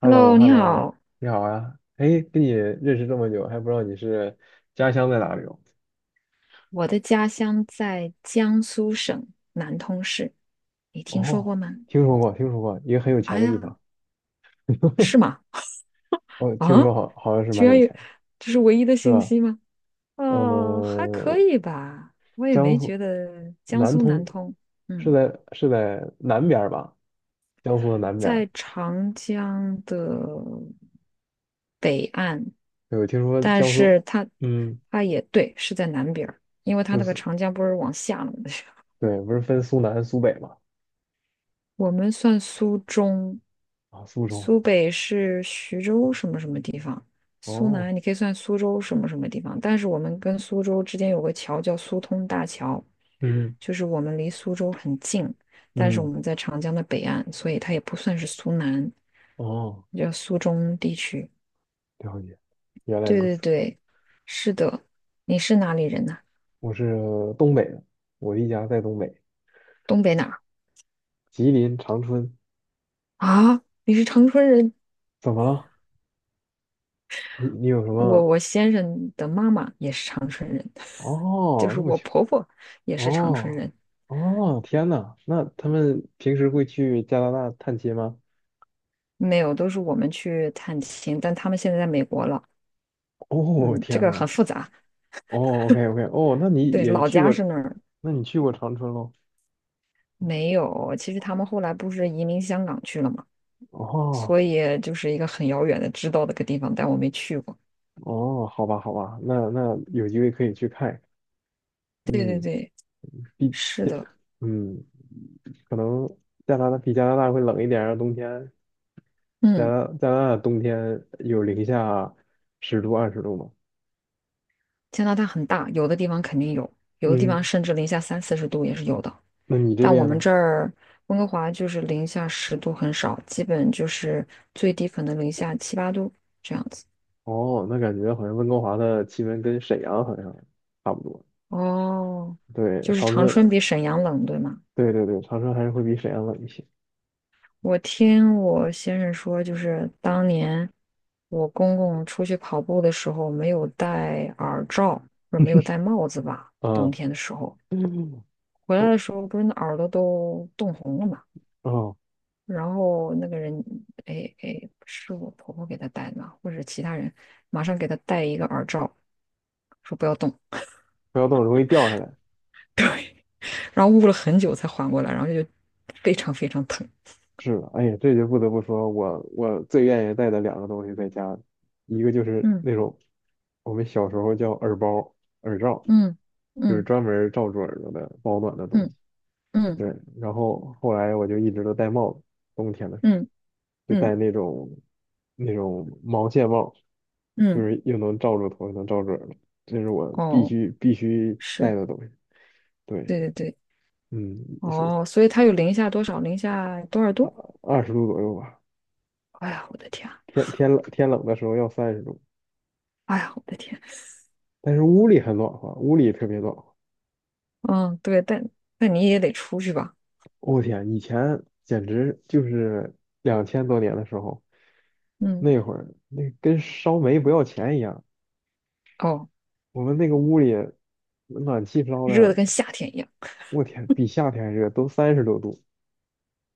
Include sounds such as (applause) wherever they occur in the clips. h e l l o Hello，h e 你 l l o 好，你好啊！哎，跟你认识这么久，还不知道你是家乡在哪里哦？我的家乡在江苏省南通市，你听说过哦，吗？听说过，听说过，一个很有钱哎的地呀，方。是吗？哦，听说啊，好，好像是居蛮然有钱有，的这是唯一的是信吧？息吗？哦，还呃，可以吧，我也江没苏觉得江南苏通南通，是嗯，在是在南边儿吧？江苏的南边儿。在长江的北岸，对，我听说但江苏，是它嗯，它也对，是在南边儿，因为它就那个是长江不是往下了吗？(laughs) 对，不是分苏南、苏北嘛？我们算苏中，啊，苏州。苏北是徐州什么什么地方，苏哦，南你可以算苏州什么什么地方，但是我们跟苏州之间有个桥叫苏通大桥，嗯就是我们离苏州很近，但是我嗯，们在长江的北岸，所以它也不算是苏南，哦，叫苏中地区。了解，原来对如对此。对，是的。你是哪里人呢、我是东北的，我一家在东北，东北哪儿吉林长春。啊？你是长春人？怎么了？你有什我么？我先生的妈妈也是长春人。就哦，是这么我巧。婆婆也是长春哦人，哦，天呐，那他们平时会去加拿大探亲吗？没有，都是我们去探亲，但他们现在在美国了。哦，嗯，这天个呐，很复杂。哦，OK OK，哦，那你对，也老去家过，是那儿，那你去过长春喽？没有。其实他们后来不是移民香港去了嘛，哦所以就是一个很遥远的知道的个地方，但我没去过。哦，好吧好吧，那有机会可以去看一看。对对嗯，对，比是的，嗯，可能加拿大会冷一点儿，冬天嗯，加拿大冬天有零下十度、二十度吗？加拿大很大，有的地方肯定有，有的地方嗯，甚至零下三四十度也是有的。那你这但我边们呢？这儿温哥华就是零下10度很少，基本就是最低可能零下七八度。这样。哦，那感觉好像温哥华的气温跟沈阳好像差不多。哦，对，就是长长春，春比沈阳冷，对吗？对对对，长春还是会比沈阳冷一些。我听我先生说，就是当年我公公出去跑步的时候没有戴耳罩，不是没有戴帽子吧，冬啊，天的时候嗯，回来哦，的时候，不是那耳朵都冻红了嘛。哦然后那个人，哎哎，是我婆婆给他戴的吗？或者其他人马上给他戴一个耳罩，说不要动，不要动，容易掉下来。然后捂了很久才缓过来，然后就非常非常疼。是的，哎呀，这就不得不说，我最愿意带的两个东西在家，一个就是嗯那种我们小时候叫耳包、耳罩，嗯就是嗯。专门罩住耳朵的保暖的东西。嗯嗯对，然后后来我就一直都戴帽子，冬天的时候嗯就戴嗯那种那种毛线帽，就嗯，是又能罩住头，又能罩住耳朵，这是我必哦，须必须戴是，的东西。对，对对对，嗯，是哦，所以它有零下多少？零下多少二度？二十度左右吧，哎呀，我的天啊天冷的时候要30度，哎呀，我的天！但是屋里很暖和，屋里特别暖和。嗯，对，但但你也得出去吧？我天，以前简直就是2000多年的时候，嗯，那会儿那跟烧煤不要钱一样，哦，我们那个屋里。暖气烧热的的跟夏天一样，我天，比夏天还热，都30多度。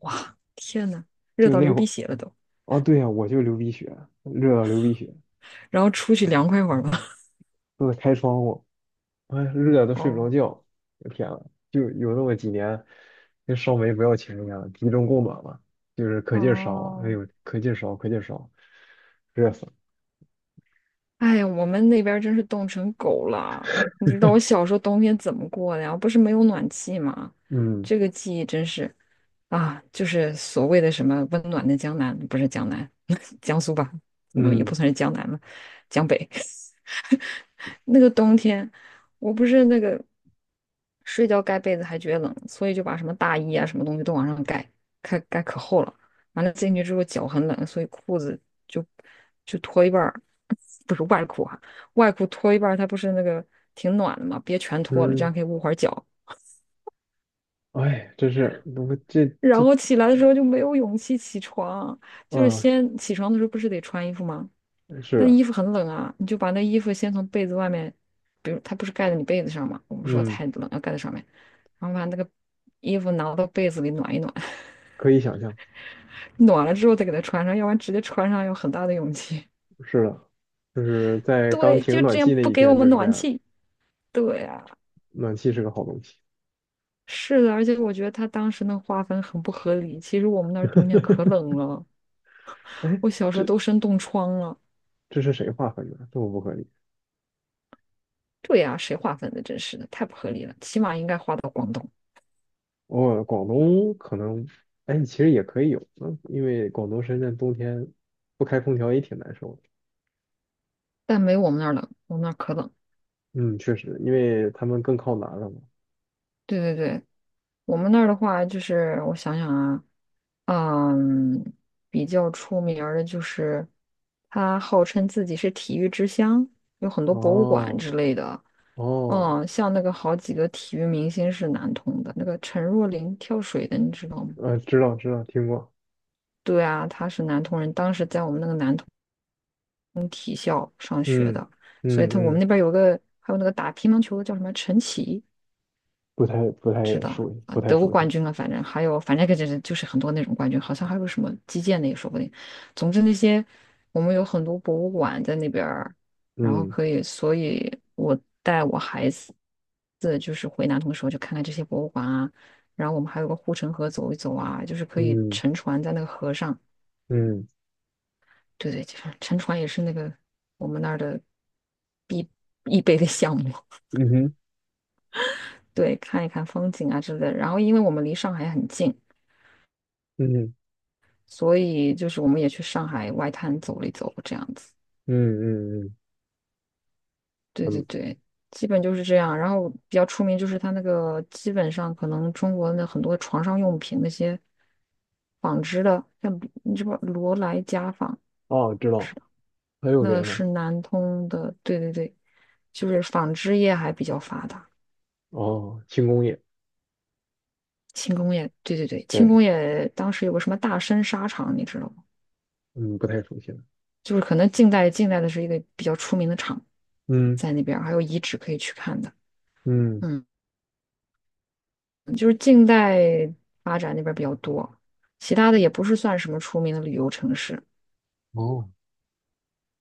哇，天呐，热就到那流会鼻儿，血了都，哦，对呀、我就流鼻血，热到流鼻血，然后出去凉快会儿吧。(laughs) 都得开窗户，哎，热的都睡不哦着觉。我天呐，就有那么几年，跟烧煤不要钱一样，集中供暖嘛，就是可劲儿烧啊，哎哦，呦，可劲儿烧，可劲儿烧，热死了。哎呀，我们那边儿真是冻成狗了。你知道我小时候冬天怎么过的呀？不是没有暖气吗？嗯这个记忆真是。啊，就是所谓的什么温暖的江南，不是江南，(laughs) 江苏吧？嗯，也嗯不算是江南了，江北。(laughs) 那个冬天，我不是那个睡觉盖被子还觉得冷，所以就把什么大衣啊什么东西都往上盖，盖盖可厚了。完了进去之后脚很冷，所以裤子就就脱一半儿，(laughs) 不是外裤啊，外裤脱一半儿，它不是那个挺暖的嘛，别全脱了，这嗯，样可以捂会儿脚。哎，真是，我这然这后起来的时候就没有勇气起床，就是啊，先起床的时候不是得穿衣服吗？是那衣的，服很冷啊，你就把那衣服先从被子外面，比如它不是盖在你被子上嘛，我们说嗯，太冷要盖在上面，然后把那个衣服拿到被子里暖一暖，可以想象，(laughs) 暖了之后再给它穿上，要不然直接穿上有很大的勇气。是的，就是 (laughs) 在刚对，停就这暖样气那不一给我天们就是这暖样，气。对啊，暖气是个好东西。是的，而且我觉得他当时那个划分很不合理，其实我们那儿冬天可冷了，哎，我小时候这都生冻疮了。这是谁划分的？这么不合理？对呀、谁划分的？真是的，太不合理了。起码应该划到广东，哦，广东可能，哎，其实也可以有，嗯，因为广东、深圳冬天不开空调也挺难受的。但没我们那儿冷，我们那儿可冷。嗯，确实，因为他们更靠南了嘛。对对对，我们那儿的话，就是我想想啊，嗯，比较出名儿的就是他号称自己是体育之乡，有很多博物馆哦之类的。哦，嗯，像那个好几个体育明星是南通的，那个陈若琳跳水的，你知道吗？知道知道，听过。对啊，她是南通人，当时在我们那个南通从体校上学嗯的，所以嗯他我们嗯，那边有个还有那个打乒乓球的叫什么陈琦，不太知道熟悉，啊，不太得过熟冠悉。军啊，反正还有反正就是很多那种冠军，好像还有什么击剑的也说不定。总之那些我们有很多博物馆在那边儿，然后嗯可以，所以我带我孩子就是回南通的时候就看看这些博物馆啊，然后我们还有个护城河走一走啊，就是可以嗯乘船在那个河上。嗯对对，就是沉船也是那个我们那儿的必必备的项目。嗯哼对，看一看风景啊之类的。然后，因为我们离上海很近，嗯嗯所以就是我们也去上海外滩走了一走，这样子。嗯嗯对对嗯，对，基本就是这样。然后比较出名就是它那个，基本上可能中国的很多床上用品那些纺织的，像你知不知道罗莱家纺，哦，知道，还有那名的？是南通的。对对对，就是纺织业还比较发达。哦，轻工业。轻工业，对对对，轻对，工业当时有个什么大深沙场，你知道吗？嗯，不太熟悉了。就是可能近代的是一个比较出名的厂，嗯。在那边儿还有遗址可以去看的。嗯，嗯，就是近代发展那边儿比较多，其他的也不是算什么出名的旅游城市，哦，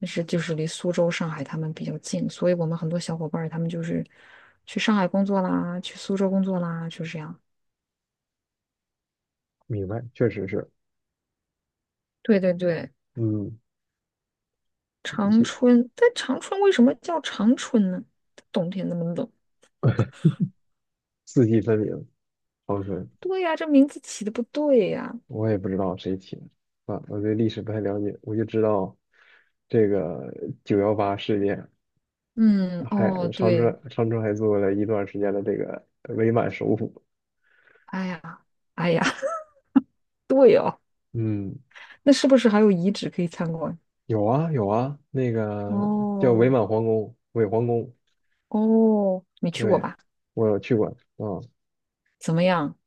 但是就是离苏州、上海他们比较近，所以我们很多小伙伴儿他们就是去上海工作啦，去苏州工作啦，就是这样。明白，确实是，对对对，嗯，长是春，但长春为什么叫长春呢？冬天那么冷。四季分明，长春，对呀，这名字起的不对呀。我也不知道谁起的，啊，我对历史不太了解，我就知道这个9·18事件，嗯，还哦，长对，春长春还做了一段时间的这个伪满首府，哎呀，哎呀，(laughs) 对哦，嗯，那是不是还有遗址可以参观？有啊有啊，那个叫伪哦，满皇宫，伪皇宫，哦，没去过对，吧？我有去过，啊，怎么样？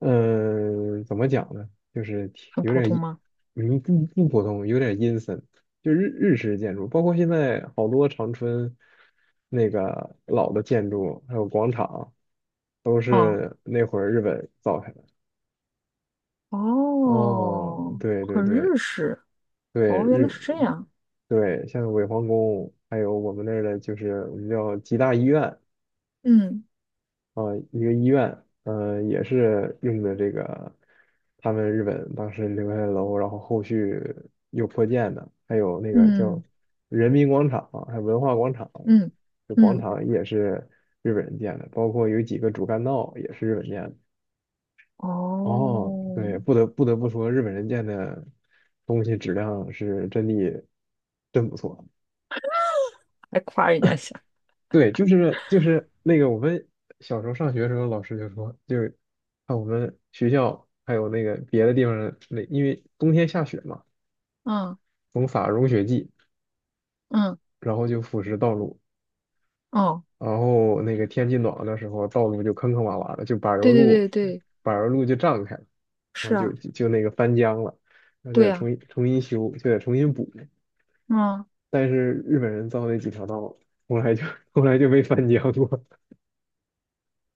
嗯，怎么讲呢？就是挺很有普点通阴，吗？嗯，不普通，有点阴森。就日式建筑，包括现在好多长春那个老的建筑，还有广场，都哦，是那会儿日本造下来的。哦，哦，对对很对日式。对，哦，原来日是这样。对，像伪皇宫，还有我们那儿的，就是我们叫吉大医院，嗯啊，一个医院，嗯，也是用的这个他们日本当时留下的楼，然后后续又扩建的，还有那个叫嗯人民广场，还有文化广场，嗯这广嗯，场也是日本人建的，包括有几个主干道也是日本建的。哦，哦，对，不得不说，日本人建的东西质量是真的真不错。还夸人家一下。对，就是那个我们小时候上学的时候，老师就说，就是看我们学校还有那个别的地方的那因为冬天下雪嘛，嗯总撒融雪剂，嗯，然后就腐蚀道路，哦，然后那个天气暖和的时候，道路就坑坑洼洼的，就柏油对路，对对对，柏油路就胀开了，然后是就啊，就那个翻浆了，那就对得呀、重新修，就得重新补。嗯但是日本人造那几条道，后来就 (laughs) 后来就没翻浆过，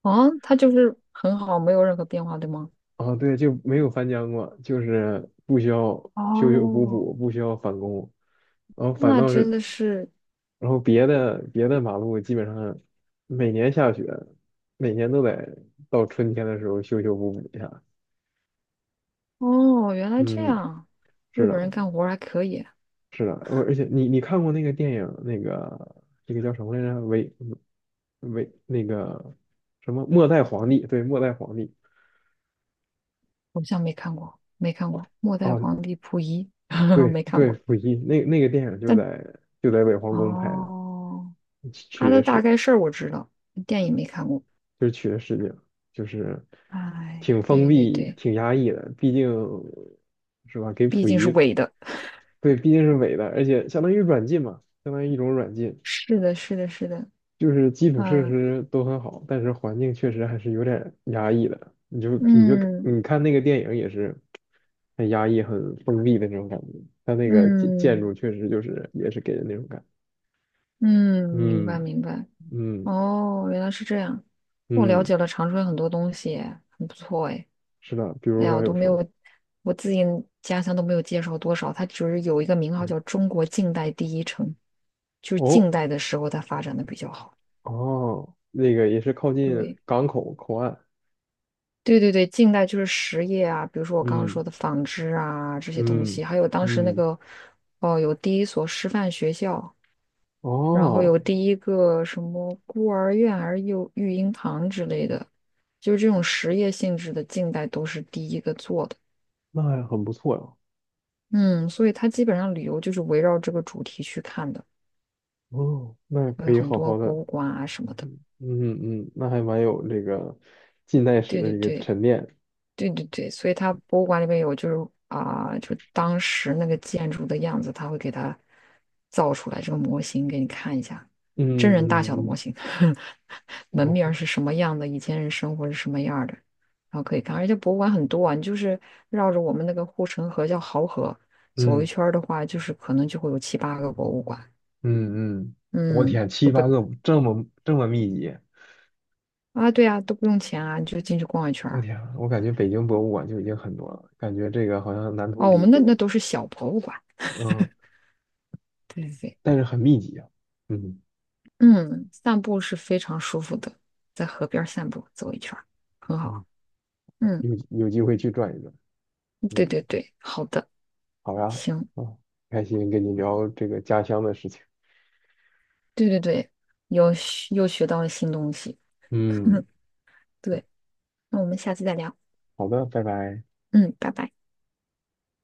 啊，他就是很好，没有任何变化，对吗？啊，对，就没有翻江过，就是不需要修修补哦，补，不需要返工，然后反那倒真是，的是，然后别的马路基本上每年下雪，每年都得到春天的时候修修补补一下。哦，原来这嗯，样，是日的，本人干活儿还可以，是的，而且你看过那个电影，那个这个叫什么来着？那个什么末代皇帝？对，末代皇帝。好像没看过，没看过《末代哦，皇帝溥仪》(laughs)，对没看对，过，溥仪那个电影就但在伪皇宫拍的。哦，他取的的大是概事儿我知道，电影没看过。就是取的视角，就是哎，挺封对对闭、对，挺压抑的，毕竟是吧？给毕溥竟是仪，伪的。对，毕竟是伪的，而且相当于软禁嘛，相当于一种软禁，是的，是的，是的，就是基础设啊，施都很好，但是环境确实还是有点压抑的。你就嗯你看那个电影也是很压抑、很封闭的那种感觉，它那个建嗯筑确实就是也是给人那种感觉。嗯，明白嗯明白。嗯哦，原来是这样，我了嗯，解了长春很多东西耶很不错哎。是的，比哎如呀，说我都有没什么？有，我自己家乡都没有介绍多少，它只是有一个名号叫 (laughs) 中国近代第一城，就是哦，近代的时候它发展的比较好。哦，那个也是靠近对，港口口岸，对对对，近代就是实业啊，比如说我刚刚嗯说的纺织啊这些东嗯西，还有当时那嗯，个哦，有第一所师范学校，然后哦，有第一个什么孤儿院还是幼育婴堂之类的，就是这种实业性质的，近代都是第一个做的。那还很不错呀，嗯，所以它基本上旅游就是围绕这个主题去看的，哦，那可有以很好多好博的，物馆啊什么的。嗯嗯，那还蛮有这个近代史对的对一个对。沉淀，对对对，所以它博物馆里面有，就是啊、就当时那个建筑的样子，它会给它造出来这个模型给你看一下，嗯真人大小的嗯模嗯，型，(laughs) 门哦，面儿是什么样的，以前人生活是什么样儿的，然后可以看。而且博物馆很多啊，你就是绕着我们那个护城河叫濠河走一嗯圈儿的话，就是可能就会有七八个博物馆，嗯嗯，我嗯，天，七都不八个这么这么密集，啊，对啊，都不用钱啊，你就进去逛一圈儿我啊。天，我感觉北京博物馆就已经很多了，感觉这个好像南通哦，我比们那北，那都是小博物馆，嗯，对对对。但是很密集啊，嗯嗯，散步是非常舒服的，在河边儿散步走一圈儿很嗯，好。嗯，有机会去转一转。对嗯。对对，好的，好呀，行，嗯，开心跟你聊这个家乡的事情。对对对，又学到了新东西。嗯，(laughs) 对，那我们下次再聊。好的，拜拜。嗯，拜拜。